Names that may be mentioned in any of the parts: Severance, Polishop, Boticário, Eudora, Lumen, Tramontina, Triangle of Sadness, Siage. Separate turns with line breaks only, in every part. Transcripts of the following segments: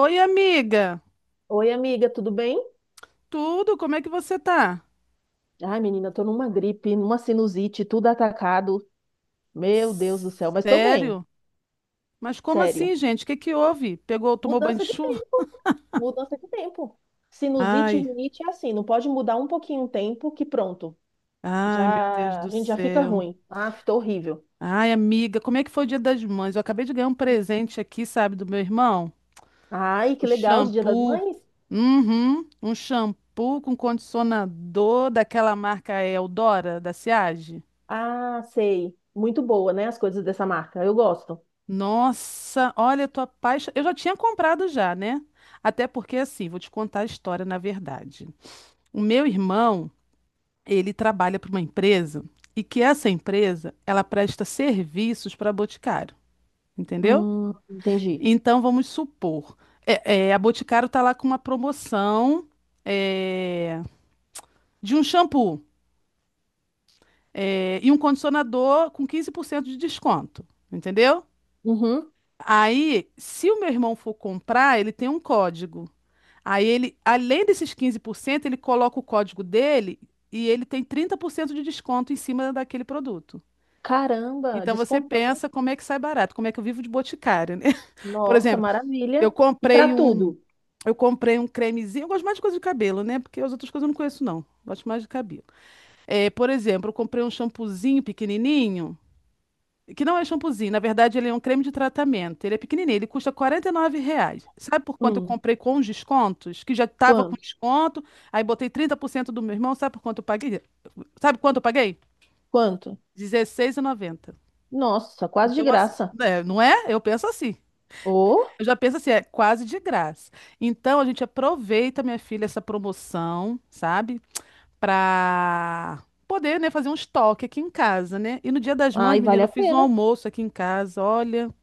Oi, amiga.
Oi, amiga, tudo bem?
Tudo? Como é que você tá?
Ai, menina, tô numa gripe, numa sinusite, tudo atacado. Meu Deus do céu, mas tô bem,
Sério? Mas como assim,
sério.
gente? O que que houve? Pegou, tomou banho de
Mudança de
chuva?
tempo, mudança de tempo. Sinusite e
Ai,
rinite é assim, não pode mudar um pouquinho o tempo que pronto,
ai, meu Deus
já a
do
gente já fica
céu.
ruim. Ah, tô horrível.
Ai, amiga, como é que foi o Dia das Mães? Eu acabei de ganhar um presente aqui, sabe, do meu irmão?
Ai,
Um
que legal, de Dia das
shampoo.
Mães?
Uhum, um shampoo com condicionador daquela marca Eudora, da Siage.
Ah, sei. Muito boa, né, as coisas dessa marca. Eu gosto.
Nossa, olha, eu tô apaixonada. Eu já tinha comprado já, né? Até porque, assim, vou te contar a história na verdade. O meu irmão, ele trabalha para uma empresa e que essa empresa, ela presta serviços para a Boticário, entendeu?
Entendi.
Então, vamos supor, a Boticário tá lá com uma promoção é, de um shampoo e um condicionador com 15% de desconto, entendeu?
Uhum.
Aí, se o meu irmão for comprar, ele tem um código. Aí ele, além desses 15%, ele coloca o código dele e ele tem 30% de desconto em cima daquele produto.
Caramba,
Então você
descontão.
pensa como é que sai barato, como é que eu vivo de boticário, né? Por
Nossa,
exemplo,
maravilha.
eu
E pra
comprei um,
tudo?
eu comprei um cremezinho, eu gosto mais de coisa de cabelo, né? Porque as outras coisas eu não conheço não, gosto mais de cabelo. É, por exemplo, eu comprei um shampoozinho pequenininho que não é shampoozinho, na verdade ele é um creme de tratamento. Ele é pequenininho, ele custa R$ 49. Sabe por quanto eu
Hum,
comprei com os descontos? Que já estava com
quanto?
desconto, aí botei 30% do meu irmão, sabe por quanto eu paguei? Sabe quanto eu paguei?
Quanto?
16,90.
Nossa, quase de
Então, assim,
graça.
né, não é? Eu penso assim.
Oh,
Eu já penso assim, é quase de graça. Então, a gente aproveita, minha filha, essa promoção, sabe? Pra poder, né, fazer um estoque aqui em casa, né? E no Dia das Mães,
ai, vale
menina,
a
eu fiz um
pena.
almoço aqui em casa, olha.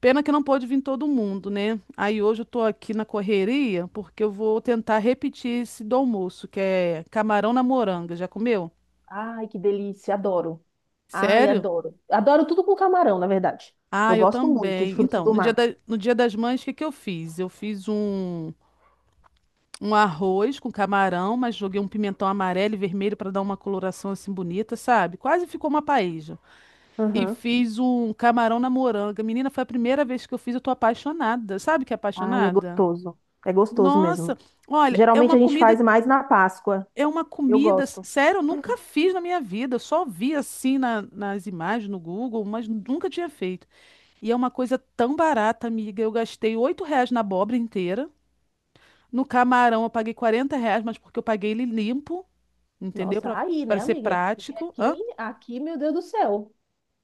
Pena que não pôde vir todo mundo, né? Aí hoje eu tô aqui na correria porque eu vou tentar repetir esse do almoço, que é camarão na moranga. Já comeu?
Ai, que delícia, adoro. Ai,
Sério?
adoro. Adoro tudo com camarão, na verdade. Eu
Ah, eu
gosto muito de
também.
frutos
Então,
do mar.
no dia das mães, o que que eu fiz? Eu fiz um arroz com camarão, mas joguei um pimentão amarelo e vermelho para dar uma coloração assim bonita, sabe? Quase ficou uma paella. E
Uhum.
fiz um camarão na moranga. Menina, foi a primeira vez que eu fiz, eu tô apaixonada. Sabe que é
Ai, é
apaixonada?
gostoso. É gostoso mesmo.
Nossa, olha, é
Geralmente
uma
a gente
comida.
faz mais na Páscoa.
É uma
Eu
comida,
gosto.
sério, eu nunca fiz na minha vida. Eu só vi assim nas imagens no Google, mas nunca tinha feito. E é uma coisa tão barata, amiga. Eu gastei R$ 8 na abóbora inteira. No camarão eu paguei R$ 40, mas porque eu paguei ele limpo, entendeu?
Nossa,
Pra,
aí, né,
pra ser
amiga? Porque
prático.
aqui,
Hã?
aqui, meu Deus do céu.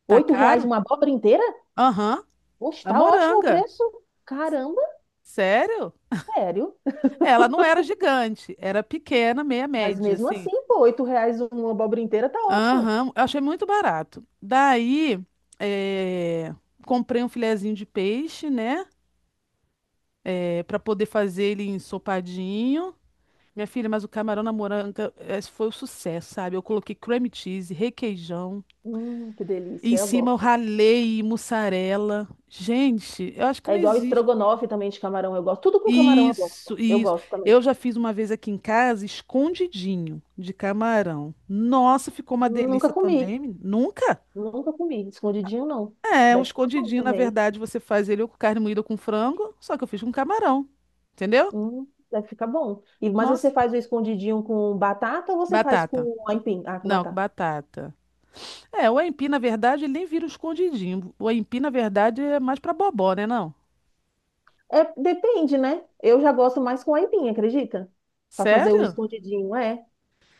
Tá
R$ 8
caro?
uma abóbora inteira?
Aham.
Poxa,
A
tá ótimo o
moranga.
preço. Caramba,
Sério?
sério.
É, ela não era gigante, era pequena, meia
Mas
média,
mesmo
assim.
assim, pô, R$ 8 uma abóbora inteira tá ótimo.
Aham, eu achei muito barato. Daí, eh, comprei um filezinho de peixe, né? É, para poder fazer ele ensopadinho. Minha filha, mas o camarão na moranga esse foi o sucesso, sabe? Eu coloquei cream cheese, requeijão.
Que
E em
delícia, eu
cima eu
gosto.
ralei mussarela. Gente, eu acho que
É
não
igual
existe.
estrogonofe também de camarão, eu gosto. Tudo com camarão eu
Isso,
gosto. Eu
isso.
gosto também.
Eu já fiz uma vez aqui em casa, escondidinho de camarão. Nossa, ficou uma
Nunca
delícia
comi,
também, menina. Nunca?
nunca comi. Escondidinho não.
É, um
Deve ficar bom
escondidinho, na
também.
verdade, você faz ele com carne moída com frango, só que eu fiz com camarão. Entendeu?
Deve ficar bom. E, mas você
Nossa.
faz o escondidinho com batata ou você faz
Batata.
com aipim? Ah, com
Não, com
batata.
batata. É, o aipim, na verdade, ele nem vira um escondidinho. O aipim, na verdade, é mais pra bobó, né, não?
É, depende, né? Eu já gosto mais com aipim, acredita? Pra fazer o
Sério?
escondidinho, é.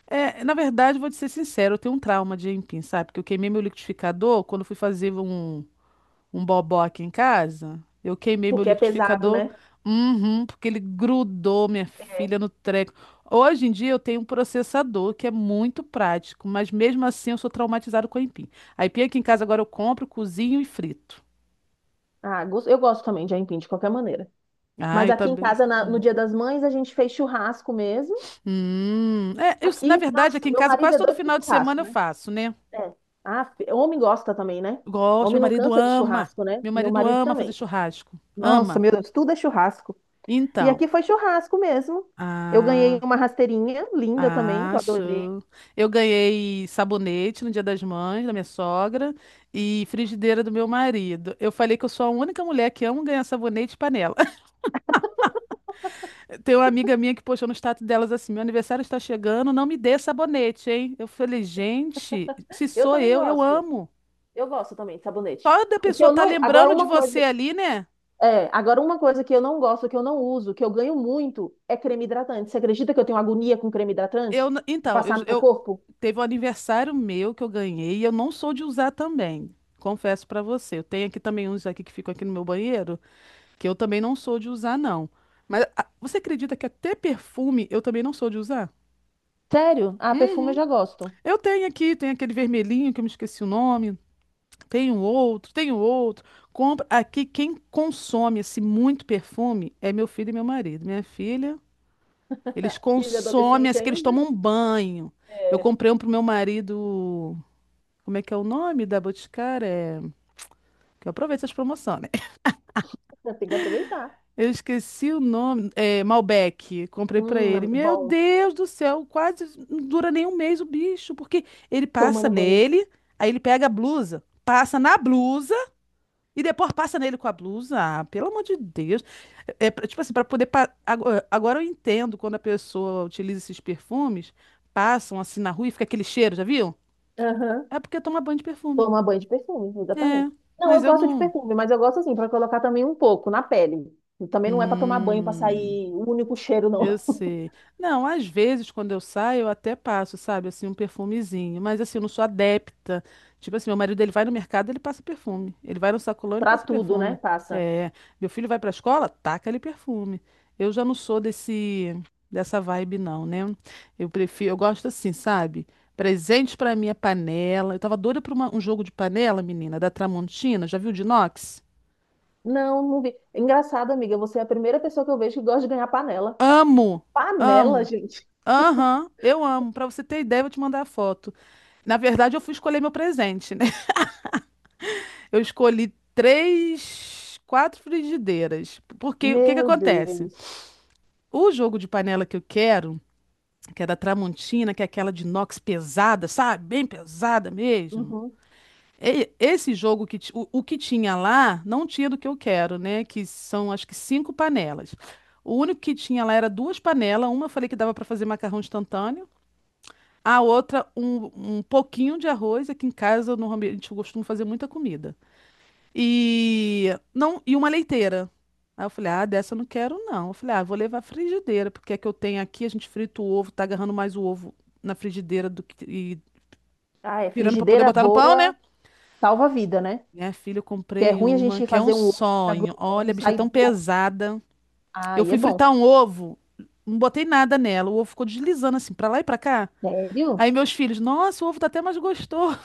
É, na verdade, vou te ser sincero, eu tenho um trauma de aipim, sabe? Porque eu queimei meu liquidificador quando eu fui fazer um bobó aqui em casa. Eu queimei meu
Porque é pesado,
liquidificador,
né?
uhum, porque ele grudou minha
É.
filha no treco. Hoje em dia eu tenho um processador que é muito prático, mas mesmo assim eu sou traumatizado com a aipim. A aipim aqui em casa agora eu compro, cozinho e frito.
Ah, eu gosto também de aipim, de qualquer maneira.
Ah,
Mas
eu
aqui em
também.
casa, no
Hum.
Dia das Mães, a gente fez churrasco mesmo.
Eu, na
Aqui,
verdade, aqui
nossa,
em
meu
casa
marido
quase
é
todo
doido por
final de
churrasco,
semana eu
né?
faço, né?
É. Ah, homem gosta também, né?
Gosto,
Homem
meu
não
marido
cansa de
ama.
churrasco, né?
Meu
Meu
marido
marido
ama fazer
também.
churrasco.
Nossa,
Ama.
meu Deus, tudo é churrasco. E
Então,
aqui foi churrasco mesmo. Eu ganhei
ah,
uma rasteirinha linda também, que
Ah,
eu adorei.
show. Eu ganhei sabonete no Dia das Mães da minha sogra e frigideira do meu marido. Eu falei que eu sou a única mulher que amo ganhar sabonete e panela. Tem uma amiga minha que postou no status delas assim: meu aniversário está chegando, não me dê sabonete, hein? Eu falei, gente, se
Eu
sou
também
eu
gosto.
amo.
Eu gosto também de sabonete.
Só da
O que
pessoa
eu
tá
não. Agora,
lembrando de
uma
você
coisa.
ali, né?
É, agora uma coisa que eu não gosto, que eu não uso, que eu ganho muito, é creme hidratante. Você acredita que eu tenho agonia com creme hidratante? De
Então, eu,
passar no
eu
corpo?
teve um aniversário meu que eu ganhei e eu não sou de usar também. Confesso pra você, eu tenho aqui também uns aqui que ficam aqui no meu banheiro. Que eu também não sou de usar, não. Mas ah, você acredita que até perfume eu também não sou de usar?
Sério? Ah, perfume eu
Uhum.
já gosto.
Eu tenho aqui, tem aquele vermelhinho que eu me esqueci o nome. Tem um outro, tem um outro. Compra aqui quem consome assim muito perfume é meu filho e meu marido. Minha filha, eles
Filho
consomem
adolescente
assim que eles
ainda,
tomam um banho. Eu
é,
comprei um pro meu marido, como é que é o nome da Boticária? É, que eu aproveito essas promoções, né?
tem que aproveitar.
Eu esqueci o nome. É, Malbec. Comprei pra ele. Meu
Bom,
Deus do céu, quase não dura nem um mês o bicho, porque ele passa
tomando banho.
nele, aí ele pega a blusa, passa na blusa e depois passa nele com a blusa. Ah, pelo amor de Deus. É, tipo assim, para poder. Agora, agora eu entendo quando a pessoa utiliza esses perfumes, passam assim na rua e fica aquele cheiro, já viu?
Aham,
É porque toma banho de perfume.
tomar banho de perfume,
É,
exatamente. Não, eu
mas eu
gosto de
não.
perfume, mas eu gosto assim, para colocar também um pouco na pele. Também não é para tomar banho, para
Hum.
sair o único cheiro, não.
Eu sei. Não, às vezes quando eu saio, eu até passo, sabe, assim, um perfumezinho, mas assim, eu não sou adepta. Tipo assim, meu marido ele vai no mercado, ele passa perfume. Ele vai no sacolão, ele
Para
passa
tudo, né?
perfume.
Passa.
É, meu filho vai pra escola, taca ali perfume. Eu já não sou desse dessa vibe não, né? Eu prefiro, eu gosto assim, sabe? Presente pra minha panela. Eu tava doida pra um jogo de panela, menina, da Tramontina. Já viu de inox?
Não, não vi. Engraçado, amiga, você é a primeira pessoa que eu vejo que gosta de ganhar panela.
Amo,
Panela,
amo.
gente.
Aham, eu amo. Pra você ter ideia, eu vou te mandar a foto. Na verdade, eu fui escolher meu presente, né? Eu escolhi três, quatro frigideiras. Porque o que que
Meu
acontece?
Deus.
O jogo de panela que eu quero, que é da Tramontina, que é aquela de inox pesada, sabe? Bem pesada mesmo.
Uhum.
Esse jogo o que tinha lá não tinha do que eu quero, né? Que são acho que cinco panelas. O único que tinha lá era duas panelas. Uma eu falei que dava para fazer macarrão instantâneo. A outra, um pouquinho de arroz. Aqui em casa, normalmente, eu costumo fazer muita comida. E, não, e uma leiteira. Aí eu falei, ah, dessa eu não quero, não. Eu falei, ah, vou levar a frigideira, porque é que eu tenho aqui, a gente frita o ovo, tá agarrando mais o ovo na frigideira do que, e
Ah, é.
tirando pra poder
Frigideira
botar no pão, né?
boa salva a vida, né?
Minha filha, eu
Que é
comprei
ruim a
uma,
gente
que é um
fazer um ovo ficar
sonho. Olha,
grudando,
a bicha é
sair
tão
do ovo.
pesada. Eu
Ai, é
fui
bom.
fritar um ovo, não botei nada nela. O ovo ficou deslizando assim, pra lá e pra cá.
Sério?
Aí meus filhos, nossa, o ovo tá até mais gostoso.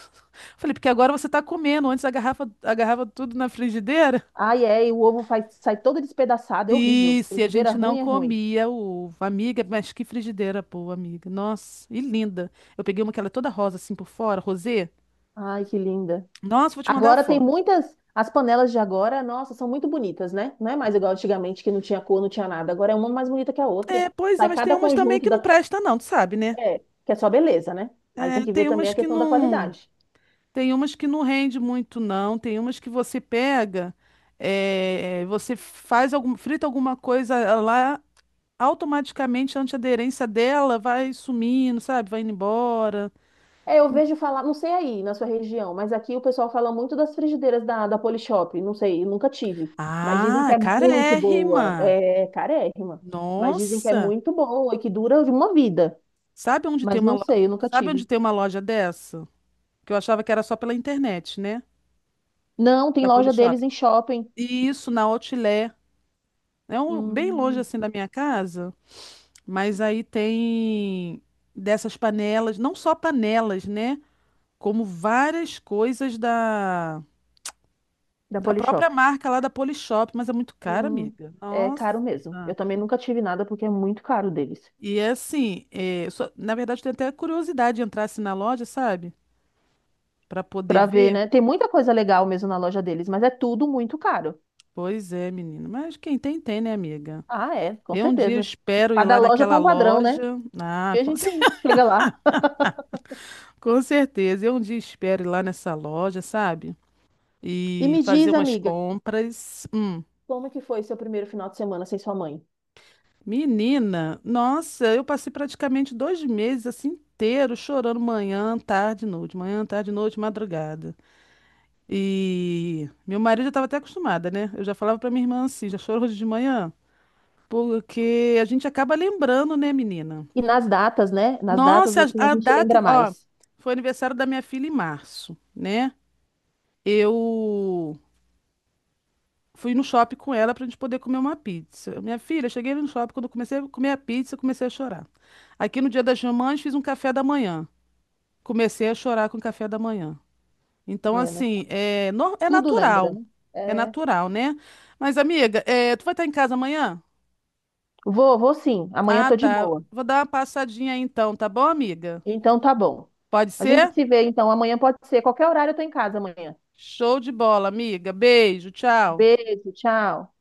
Falei, porque agora você tá comendo, antes agarrava, agarrava tudo na frigideira.
Ai, é, e o ovo faz, sai todo despedaçado, é
E
horrível.
se a
Frigideira
gente não
ruim é ruim.
comia o ovo. Amiga, mas que frigideira boa, amiga. Nossa, e linda. Eu peguei uma que ela é toda rosa assim por fora, rosê.
Ai, que linda.
Nossa, vou te mandar a
Agora tem
foto.
muitas. As panelas de agora, nossa, são muito bonitas, né? Não é mais igual antigamente que não tinha cor, não tinha nada. Agora é uma mais bonita que a outra.
É, pois é,
Sai
mas tem
cada
umas também
conjunto
que não
da.
presta não, tu sabe, né?
É, que é só beleza, né? Aí tem
É,
que ver
tem
também
umas
a
que
questão da
não,
qualidade.
tem umas que não rende muito não, tem umas que você pega, é, você faz algum, frita alguma coisa lá, automaticamente a antiaderência dela vai sumindo, sabe? Vai indo embora.
É, eu vejo falar, não sei aí na sua região, mas aqui o pessoal fala muito das frigideiras da Polishop. Não sei, eu nunca tive. Mas dizem
Ah,
que
é
é muito boa.
carérrima.
É carérrima. Mas dizem que é
Nossa.
muito boa e que dura de uma vida.
Sabe onde tem
Mas não sei, eu nunca
sabe onde
tive.
tem uma loja dessa? Que eu achava que era só pela internet, né?
Não, tem
Da
loja
Polishop.
deles em shopping.
E isso na Outlet. É um, bem longe
Hum,
assim da minha casa, mas aí tem dessas panelas, não só panelas, né? Como várias coisas da
da
Própria
Polishop.
marca lá da Polishop, mas é muito cara,
Hum,
amiga.
é
Nossa.
caro mesmo. Eu também nunca tive nada porque é muito caro deles.
E é assim, é, eu na verdade, eu tenho até curiosidade de entrar assim na loja, sabe? Pra poder
Pra ver,
ver.
né? Tem muita coisa legal mesmo na loja deles, mas é tudo muito caro.
Pois é, menino. Mas quem tem, tem, né, amiga?
Ah, é, com
Eu um dia
certeza.
espero ir
Cada
lá
loja
naquela
põe um padrão, né?
loja. Ah,
E a gente chega lá.
com certeza. Eu um dia espero ir lá nessa loja, sabe?
E
E
me
fazer
diz,
umas
amiga,
compras. Hum.
como é que foi seu primeiro final de semana sem sua mãe?
Menina, nossa, eu passei praticamente 2 meses assim inteiro chorando manhã, tarde, noite, madrugada. E meu marido já estava até acostumada, né? Eu já falava pra minha irmã assim, já chorou hoje de manhã, porque a gente acaba lembrando, né, menina?
E nas datas, né? Nas datas,
Nossa,
assim, a
a
gente
data,
lembra
ó,
mais.
foi aniversário da minha filha em março, né? Eu fui no shopping com ela pra gente poder comer uma pizza. Minha filha, cheguei ali no shopping, quando eu comecei a comer a pizza, eu comecei a chorar. Aqui no Dia das Mamães fiz um café da manhã. Comecei a chorar com o café da manhã. Então,
É, né?
assim, é, é
Tudo lembra,
natural.
né?
É
É,
natural, né? Mas, amiga, é, tu vai estar em casa amanhã?
vou sim. Amanhã
Ah,
tô de
tá.
boa.
Vou dar uma passadinha aí então, tá bom, amiga?
Então tá bom.
Pode
A gente
ser?
se vê, então. Amanhã pode ser. Qualquer horário eu tô em casa amanhã.
Show de bola, amiga. Beijo, tchau.
Beijo, tchau.